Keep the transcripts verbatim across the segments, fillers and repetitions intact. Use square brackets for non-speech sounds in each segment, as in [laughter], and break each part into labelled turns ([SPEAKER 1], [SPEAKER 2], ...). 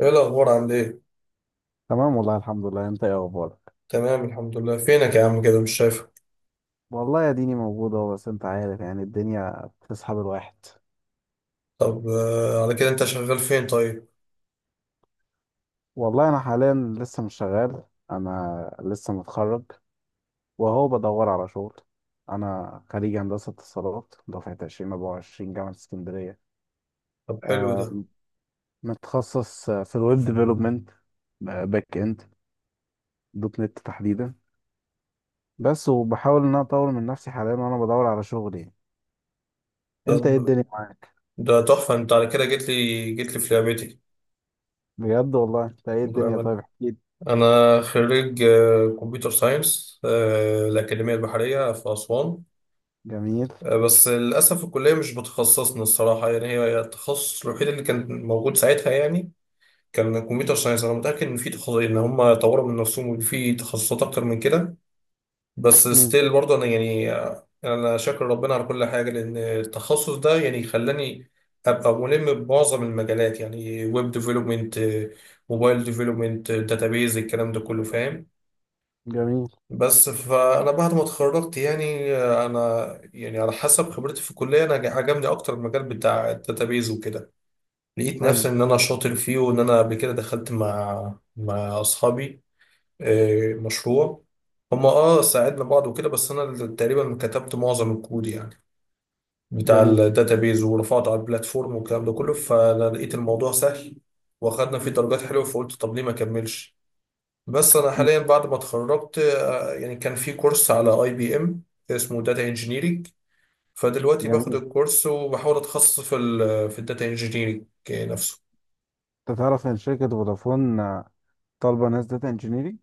[SPEAKER 1] ايه الاخبار، عامل ايه؟
[SPEAKER 2] تمام. والله الحمد لله. انت ايه اخبارك؟
[SPEAKER 1] تمام، الحمد لله. فينك يا عم؟ كده مش شايفك.
[SPEAKER 2] والله يا ديني موجودة، بس انت عارف يعني الدنيا بتسحب الواحد.
[SPEAKER 1] طب، آه، على كده انت شغال فين طيب؟
[SPEAKER 2] والله انا حاليا لسه مش شغال، انا لسه متخرج وهو بدور على شغل. انا خريج هندسة اتصالات دفعة ألفين واربعة وعشرين جامعة اسكندرية.
[SPEAKER 1] طب، حلو
[SPEAKER 2] آه،
[SPEAKER 1] ده.
[SPEAKER 2] متخصص في الويب ديفلوبمنت، باك اند، دوت نت تحديدا. بس وبحاول ان انا اطور من نفسي حاليا وانا بدور على شغل يعني. انت ايه
[SPEAKER 1] طب
[SPEAKER 2] الدنيا معاك؟
[SPEAKER 1] ده تحفه، انت على كده جيت لي جيت لي في لعبتي.
[SPEAKER 2] بجد والله انت ايه الدنيا؟
[SPEAKER 1] بالأمانة،
[SPEAKER 2] طيب احكيلي.
[SPEAKER 1] أنا خريج آه، كمبيوتر ساينس، آه، الأكاديمية البحرية في أسوان.
[SPEAKER 2] جميل.
[SPEAKER 1] آه، بس للأسف الكلية مش بتخصصنا الصراحة، يعني هي التخصص الوحيد اللي كان موجود ساعتها يعني. كان كمبيوتر ساينس، أنا متأكد إن في تخصص إن هم طوروا من نفسهم وفي تخصصات أكتر من كده. بس ستيل برضه انا يعني انا شاكر ربنا على كل حاجه، لان التخصص ده يعني خلاني ابقى ملم بمعظم المجالات، يعني ويب ديفلوبمنت، موبايل ديفلوبمنت، داتابيز، الكلام ده كله فاهم.
[SPEAKER 2] جميل.
[SPEAKER 1] بس فانا بعد ما اتخرجت يعني انا يعني على حسب خبرتي في الكليه، انا عجبني اكتر المجال بتاع الداتابيز وكده. لقيت نفسي
[SPEAKER 2] حلو.
[SPEAKER 1] ان انا شاطر فيه، وان انا قبل كده دخلت مع مع اصحابي آه، مشروع. هما اه ساعدنا بعض وكده، بس انا اللي تقريبا كتبت معظم الكود يعني بتاع
[SPEAKER 2] جميل.
[SPEAKER 1] الداتابيز ورفعته على البلاتفورم والكلام ده كله، فانا لقيت الموضوع سهل. واخدنا فيه درجات حلوه، فقلت طب ليه ما اكملش. بس انا
[SPEAKER 2] مم.
[SPEAKER 1] حاليا بعد ما اتخرجت آه، يعني كان في كورس على اي بي ام اسمه داتا انجينيرنج. فدلوقتي باخد
[SPEAKER 2] جميل.
[SPEAKER 1] الكورس وبحاول اتخصص في ال في الداتا انجينيرنج نفسه.
[SPEAKER 2] انت تعرف ان شركة فودافون آه، طالبة ناس داتا انجينيرنج.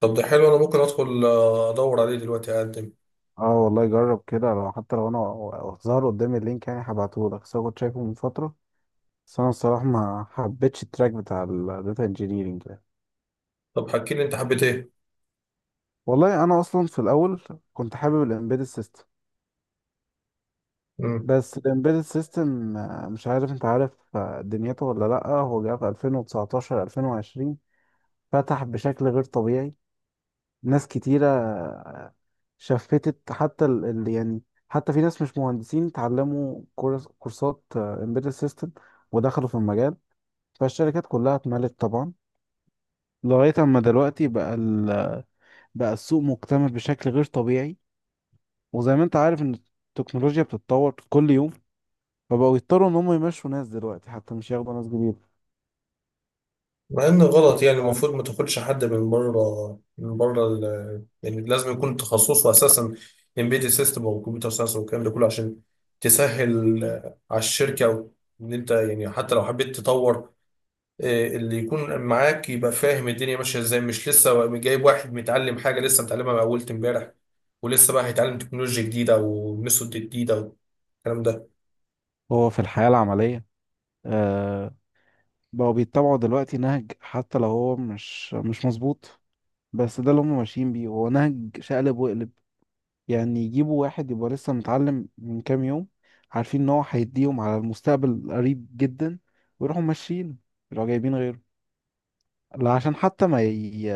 [SPEAKER 1] طب ده حلو، انا ممكن ادخل آه، ادور عليه دلوقتي، اقدم.
[SPEAKER 2] اه والله جرب كده، لو حتى لو انا ظهر قدامي اللينك يعني هبعته لك، بس أنا كنت شايفه من فترة. بس انا الصراحة ما حبيتش التراك بتاع الداتا انجينيرنج ده.
[SPEAKER 1] طب حكي لي، انت حبيت ايه؟
[SPEAKER 2] والله انا اصلا في الاول كنت حابب الامبيدد سيستم. بس الامبيدد سيستم مش عارف، انت عارف آه، دنيته ولا لا. هو جه في ألفين وتسعة عشر ألفين وعشرين فتح بشكل غير طبيعي. ناس كتيرة شفتت حتى ال... ال- يعني حتى في ناس مش مهندسين اتعلموا كورس... كورسات امبيدد سيستم ودخلوا في المجال. فالشركات كلها اتملت طبعا. لغاية اما دلوقتي بقى ال... بقى السوق مكتمل بشكل غير طبيعي. وزي ما انت عارف ان التكنولوجيا بتتطور كل يوم، فبقوا يضطروا ان هم يمشوا ناس دلوقتي حتى مش ياخدوا ناس جديدة.
[SPEAKER 1] مع ان غلط يعني، المفروض ما تاخدش حد من بره، من بره ال- يعني لازم يكون تخصصه اساسا امبيدد سيستم او كمبيوتر ساينس والكلام ده كله، عشان تسهل آه، على الشركه، أو ان انت يعني حتى لو حبيت تطور آه، اللي يكون معاك يبقى فاهم الدنيا ماشيه ازاي، مش لسه جايب واحد متعلم حاجه لسه متعلمها من اول امبارح، ولسه بقى هيتعلم تكنولوجيا جديده او ميثود جديده والكلام ده.
[SPEAKER 2] هو في الحياة العملية آه، بقوا بيتبعوا دلوقتي نهج حتى لو هو مش مش مظبوط، بس ده اللي هم ماشيين بيه هو نهج شقلب وقلب. يعني يجيبوا واحد يبقى لسه متعلم من كام يوم، عارفين ان هو هيديهم على المستقبل القريب جدا ويروحوا ماشيين، يروحوا جايبين غيره. لا عشان حتى ما ي...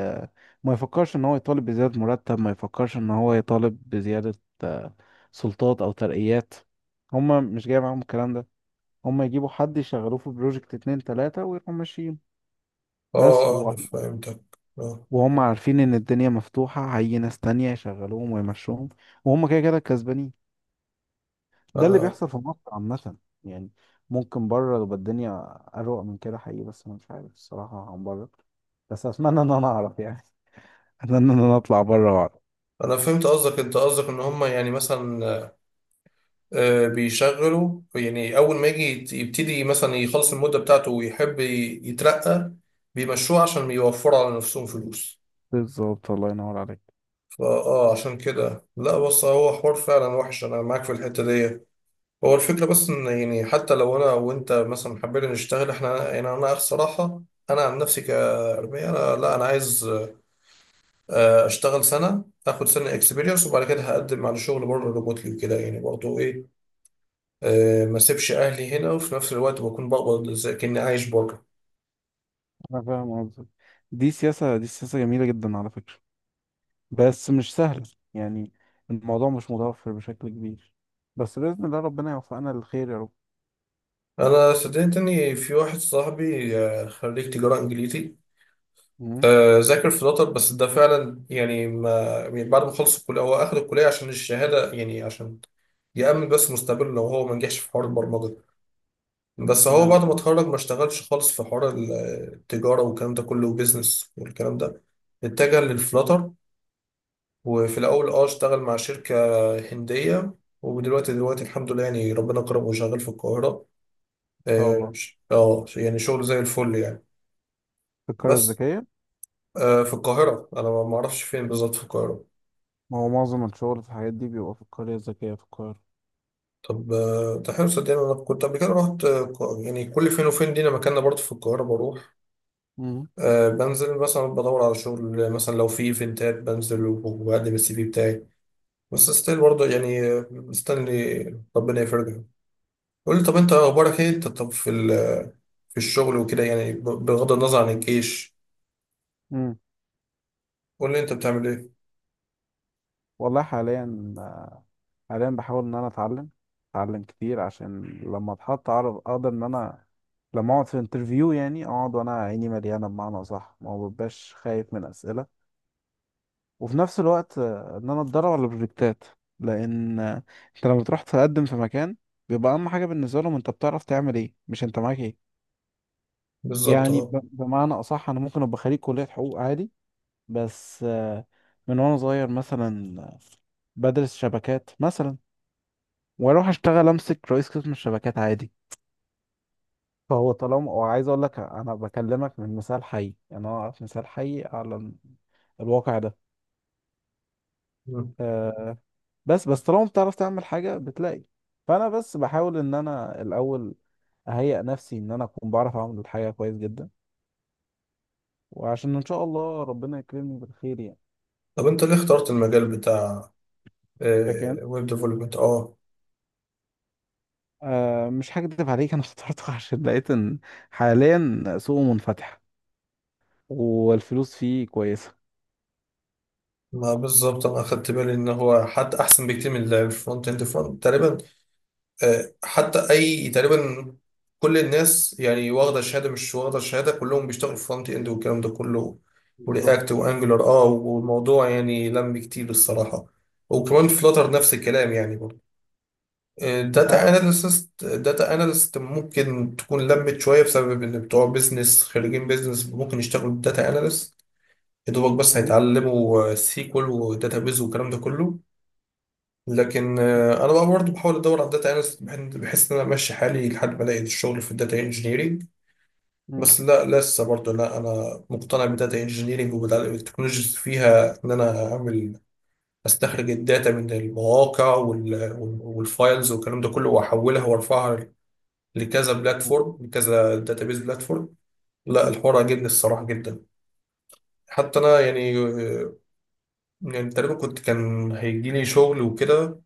[SPEAKER 2] ما يفكرش ان هو يطالب بزيادة مرتب، ما يفكرش ان هو يطالب بزيادة آه، سلطات او ترقيات. هم مش جاي معاهم الكلام ده، هم يجيبوا حد يشغلوه في بروجكت اتنين تلاتة ويروحوا ماشيين
[SPEAKER 1] اه،
[SPEAKER 2] بس.
[SPEAKER 1] آه، انا فهمتك. اه،
[SPEAKER 2] وهم عارفين ان الدنيا مفتوحة هيجي ناس تانية يشغلوهم ويمشوهم وهم كده كده كسبانين. ده اللي
[SPEAKER 1] انا
[SPEAKER 2] بيحصل في مصر عامة يعني. ممكن بره تبقى الدنيا أروق من كده حقيقي، بس أنا مش عارف الصراحة عن بره، بس أتمنى إن أنا أعرف يعني. [laughs] أتمنى إن أنا أطلع بره وأعرف.
[SPEAKER 1] انا فهمت قصدك. انت قصدك ان هم يعني مثلا آه، بيشغله، يعني اول ما يجي يت- يبتدي مثلا يخلص المده بتاعته ويحب ي- يترقى، بيمشوه عشان يوفروا على نفسهم فلوس.
[SPEAKER 2] بالظبط، الله ينور عليك.
[SPEAKER 1] فاه، عشان كده لا، بص، هو حوار فعلا وحش، انا معاك في الحته دي. هو الفكره بس ان يعني حتى لو انا وانت مثلا حبينا نشتغل، احنا يعني انا الصراحه انا عن نفسي كارمية، انا لا، انا عايز آه، اشتغل سنه، اخد سنه اكسبيرينس، وبعد كده هقدم على شغل بره ريموتلي وكده يعني، برضه ايه، آه، ما سيبش اهلي هنا، وفي نفس الوقت بكون بقبض زي كأني عايش بره.
[SPEAKER 2] أنا فاهم قصدك. دي سياسة دي سياسة جميلة جدا على فكرة، بس مش سهلة يعني. الموضوع مش متوفر بشكل كبير، بس بإذن الله ربنا يوفقنا للخير يا رب.
[SPEAKER 1] انا صدقت اني في واحد صاحبي آه، خريج تجاره انجليزي،
[SPEAKER 2] مم.
[SPEAKER 1] آه، ذاكر في لوتر، بس ده فعلا يعني ما، يعني بعد ما خلص الكليه هو اخد الكليه عشان الشهاده، يعني عشان يأمن بس مستقبله لو هو ما نجحش في حوار البرمجه. بس هو
[SPEAKER 2] ما إن
[SPEAKER 1] بعد ما اتخرج ما اشتغلش خالص في حوار التجاره والكلام ده كله وبيزنس والكلام ده، اتجه للفلاتر. وفي الأول اه اشتغل مع شركة هندية، ودلوقتي دلوقتي الحمد لله يعني، ربنا كرمه وشغال في القاهرة.
[SPEAKER 2] شاء
[SPEAKER 1] اه،
[SPEAKER 2] الله.
[SPEAKER 1] ش- آه، يعني شغل زي الفل يعني.
[SPEAKER 2] في القرية
[SPEAKER 1] بس
[SPEAKER 2] الذكية.
[SPEAKER 1] اه، في القاهرة أنا ما ما أعرفش فين بالظبط في القاهرة.
[SPEAKER 2] ما هو معظم الشغل في الحاجات دي بيبقى في القرية الذكية في القاهرة.
[SPEAKER 1] طب آه، ده حلو، صدقني أنا كنت قبل كده رحت آه، ق- يعني كل فين وفين لينا مكاننا برضه في القاهرة بروح.
[SPEAKER 2] مم.
[SPEAKER 1] أه، بنزل مثلا بدور على شغل، مثلا لو في ايفنتات بنزل وبقدم السي في بتاعي، بس ستيل برضه يعني آه، مستني ربنا يفرجها. قول لي طب، انت اخبارك ايه؟ انت طب في ال- في الشغل وكده يعني ب- بغض النظر عن الجيش،
[SPEAKER 2] مم.
[SPEAKER 1] قول لي انت بتعمل ايه.
[SPEAKER 2] والله حاليا حاليا بحاول إن أنا أتعلم أتعلم كتير عشان لما أتحط أعرف أقدر إن أنا لما أقعد في انترفيو يعني أقعد وأنا عيني مليانة بمعنى صح، ما ببقاش خايف من أسئلة. وفي نفس الوقت آه، إن أنا أتدرب على البروجكتات. لأن آه، أنت لما تروح تقدم في مكان بيبقى أهم حاجة بالنسبة لهم أنت بتعرف تعمل إيه، مش أنت معاك إيه.
[SPEAKER 1] بالظبط،
[SPEAKER 2] يعني
[SPEAKER 1] اه.
[SPEAKER 2] ب- بمعنى أصح أنا ممكن أبقى خريج كلية حقوق عادي. بس آه، من وانا صغير مثلا آه، بدرس شبكات مثلا واروح اشتغل امسك رئيس قسم الشبكات عادي. فهو طالما وعايز اقول لك انا بكلمك من مثال حي، يعني انا اعرف مثال حي على ال- الواقع ده.
[SPEAKER 1] مم.
[SPEAKER 2] آه، بس بس طالما بتعرف تعمل حاجة بتلاقي، فانا بس بحاول ان انا الاول اهيئ نفسي ان انا اكون بعرف اعمل الحاجة كويس جدا، وعشان ان شاء الله ربنا يكرمني بالخير يعني.
[SPEAKER 1] طب انت ليه اخترت المجال بتاع
[SPEAKER 2] لكن
[SPEAKER 1] ويب ديفلوبمنت؟ اه.
[SPEAKER 2] أه مش هكدب عليك، انا اخترته [laughs] عشان لقيت ان حاليا سوقه منفتح والفلوس فيه كويسة.
[SPEAKER 1] ما بالظبط انا اخدت بالي ان هو حتى احسن بكتير من الفرونت اند، فرونت تقريبا، آه، حتى اي تقريبا كل الناس يعني، واخده شهاده مش واخده شهاده كلهم بيشتغلوا في فرونت اند والكلام ده كله، ورياكت
[SPEAKER 2] بالظبط.
[SPEAKER 1] وانجلر، اه، والموضوع يعني لم كتير الصراحه، وكمان فلاتر نفس الكلام يعني برضه.
[SPEAKER 2] انت
[SPEAKER 1] داتا
[SPEAKER 2] عارف.
[SPEAKER 1] اناليست، داتا اناليست ممكن تكون لمت شويه بسبب ان بتوع بيزنس، خريجين بيزنس ممكن يشتغلوا داتا اناليست يا دوبك، بس
[SPEAKER 2] مم.
[SPEAKER 1] هيتعلموا سيكول وداتا بيز والكلام ده كله. لكن آه، انا بقى برضه بحاول ادور على الداتا اناليست، بحيث ان انا امشي حالي لحد ما الاقي الشغل في الداتا انجينيرنج.
[SPEAKER 2] مم.
[SPEAKER 1] بس لا، لسه برضه لا، انا مقتنع بالداتا انجينيرنج وبالتكنولوجيز فيها، ان انا اعمل استخرج الداتا من المواقع وال- وال- والفايلز والكلام ده كله، واحولها وارفعها لكذا بلاتفورم، لكذا داتابيز بلاتفورم. لا، الحوار عجبني الصراحه جدا. حتى انا يعني آه، يعني تقريبا كنت كان هيجي لي شغل وكده،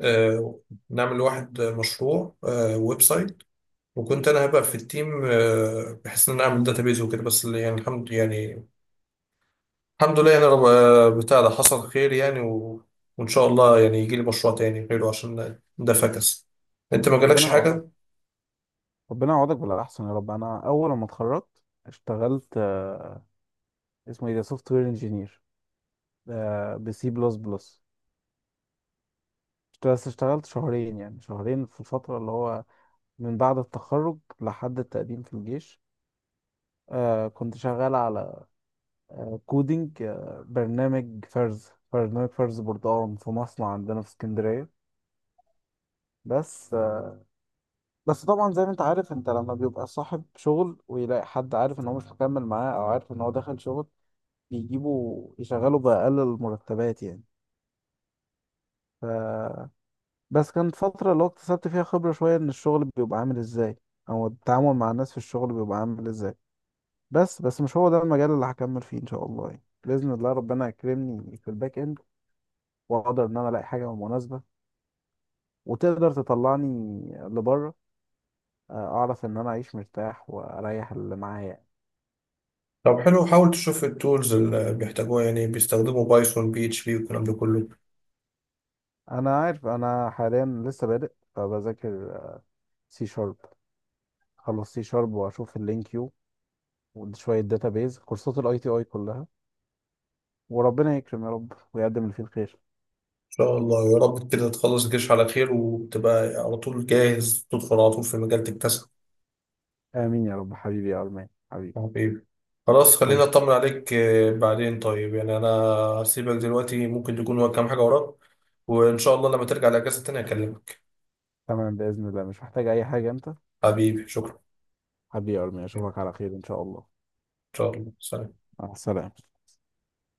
[SPEAKER 1] آه، نعمل لواحد مشروع آه، ويب سايت، وكنت انا هبقى في التيم آه، بحيث ان انا اعمل داتابيز وكده، بس اللي يعني، الحمد يعني، الحمد لله يعني رب آه، بتاع ده حصل خير يعني، و... وان شاء الله يعني يجي لي مشروع تاني غيره عشان ده فكس. انت ما
[SPEAKER 2] ربنا
[SPEAKER 1] جالكش
[SPEAKER 2] يعوضك،
[SPEAKER 1] حاجه؟
[SPEAKER 2] ربنا يعوضك بالاحسن يا رب. انا اول ما اتخرجت اشتغلت آه، اسمه ايه ده، سوفت وير انجينير بسي بلس بلس. بس اشتغلت شهرين، يعني شهرين في الفترة اللي هو من بعد التخرج لحد التقديم في الجيش. آه كنت شغال على كودينج، آه، برنامج فرز برنامج فرز بردقان في مصنع عندنا في اسكندرية. بس آه، بس طبعا زي ما انت عارف، انت لما بيبقى صاحب شغل ويلاقي حد عارف ان هو مش مكمل معاه او عارف ان هو دخل شغل، بيجيبوا يشغلوا بأقل المرتبات يعني. ف... بس كانت فترة اللي هو اكتسبت فيها خبرة شوية ان الشغل بيبقى عامل ازاي او التعامل مع الناس في الشغل بيبقى عامل ازاي. بس بس مش هو ده المجال اللي هكمل فيه ان شاء الله يعني. بإذن الله ربنا يكرمني في الباك اند واقدر ان انا الاقي حاجة مناسبة وتقدر تطلعني لبره، آه، اعرف ان انا اعيش مرتاح واريح اللي معايا يعني.
[SPEAKER 1] طب حلو، حاول تشوف التولز اللي بيحتاجوها، يعني بيستخدموا بايثون، بي اتش بي والكلام ده كله. ان
[SPEAKER 2] انا عارف، انا حاليا لسه بادئ فبذاكر سي شارب. خلص سي شارب واشوف اللينكيو وشويه داتابيز كورسات الاي تي اي كلها، وربنا يكرم يا رب ويقدم اللي فيه الخير.
[SPEAKER 1] شاء الله يا رب كده تخلص الجيش على خير، وتبقى على طول جاهز تدخل على طول في مجال تكتسب.
[SPEAKER 2] امين يا رب. حبيبي يا ارمان. حبيبي.
[SPEAKER 1] حبيبي، خلاص، خلينا
[SPEAKER 2] تمام.
[SPEAKER 1] اطمن عليك آه، بعدين، طيب يعني انا هسيبك دلوقتي، ممكن تكون وراك كام حاجه وراك، وان شاء الله لما ترجع الاجازه تاني اكلمك.
[SPEAKER 2] تمام باذن الله، مش محتاج اي حاجه انت.
[SPEAKER 1] حبيبي شكرا.
[SPEAKER 2] حبيبي يا ارمان،
[SPEAKER 1] ان
[SPEAKER 2] اشوفك على خير ان شاء الله.
[SPEAKER 1] شاء الله، سلام.
[SPEAKER 2] مع السلامه.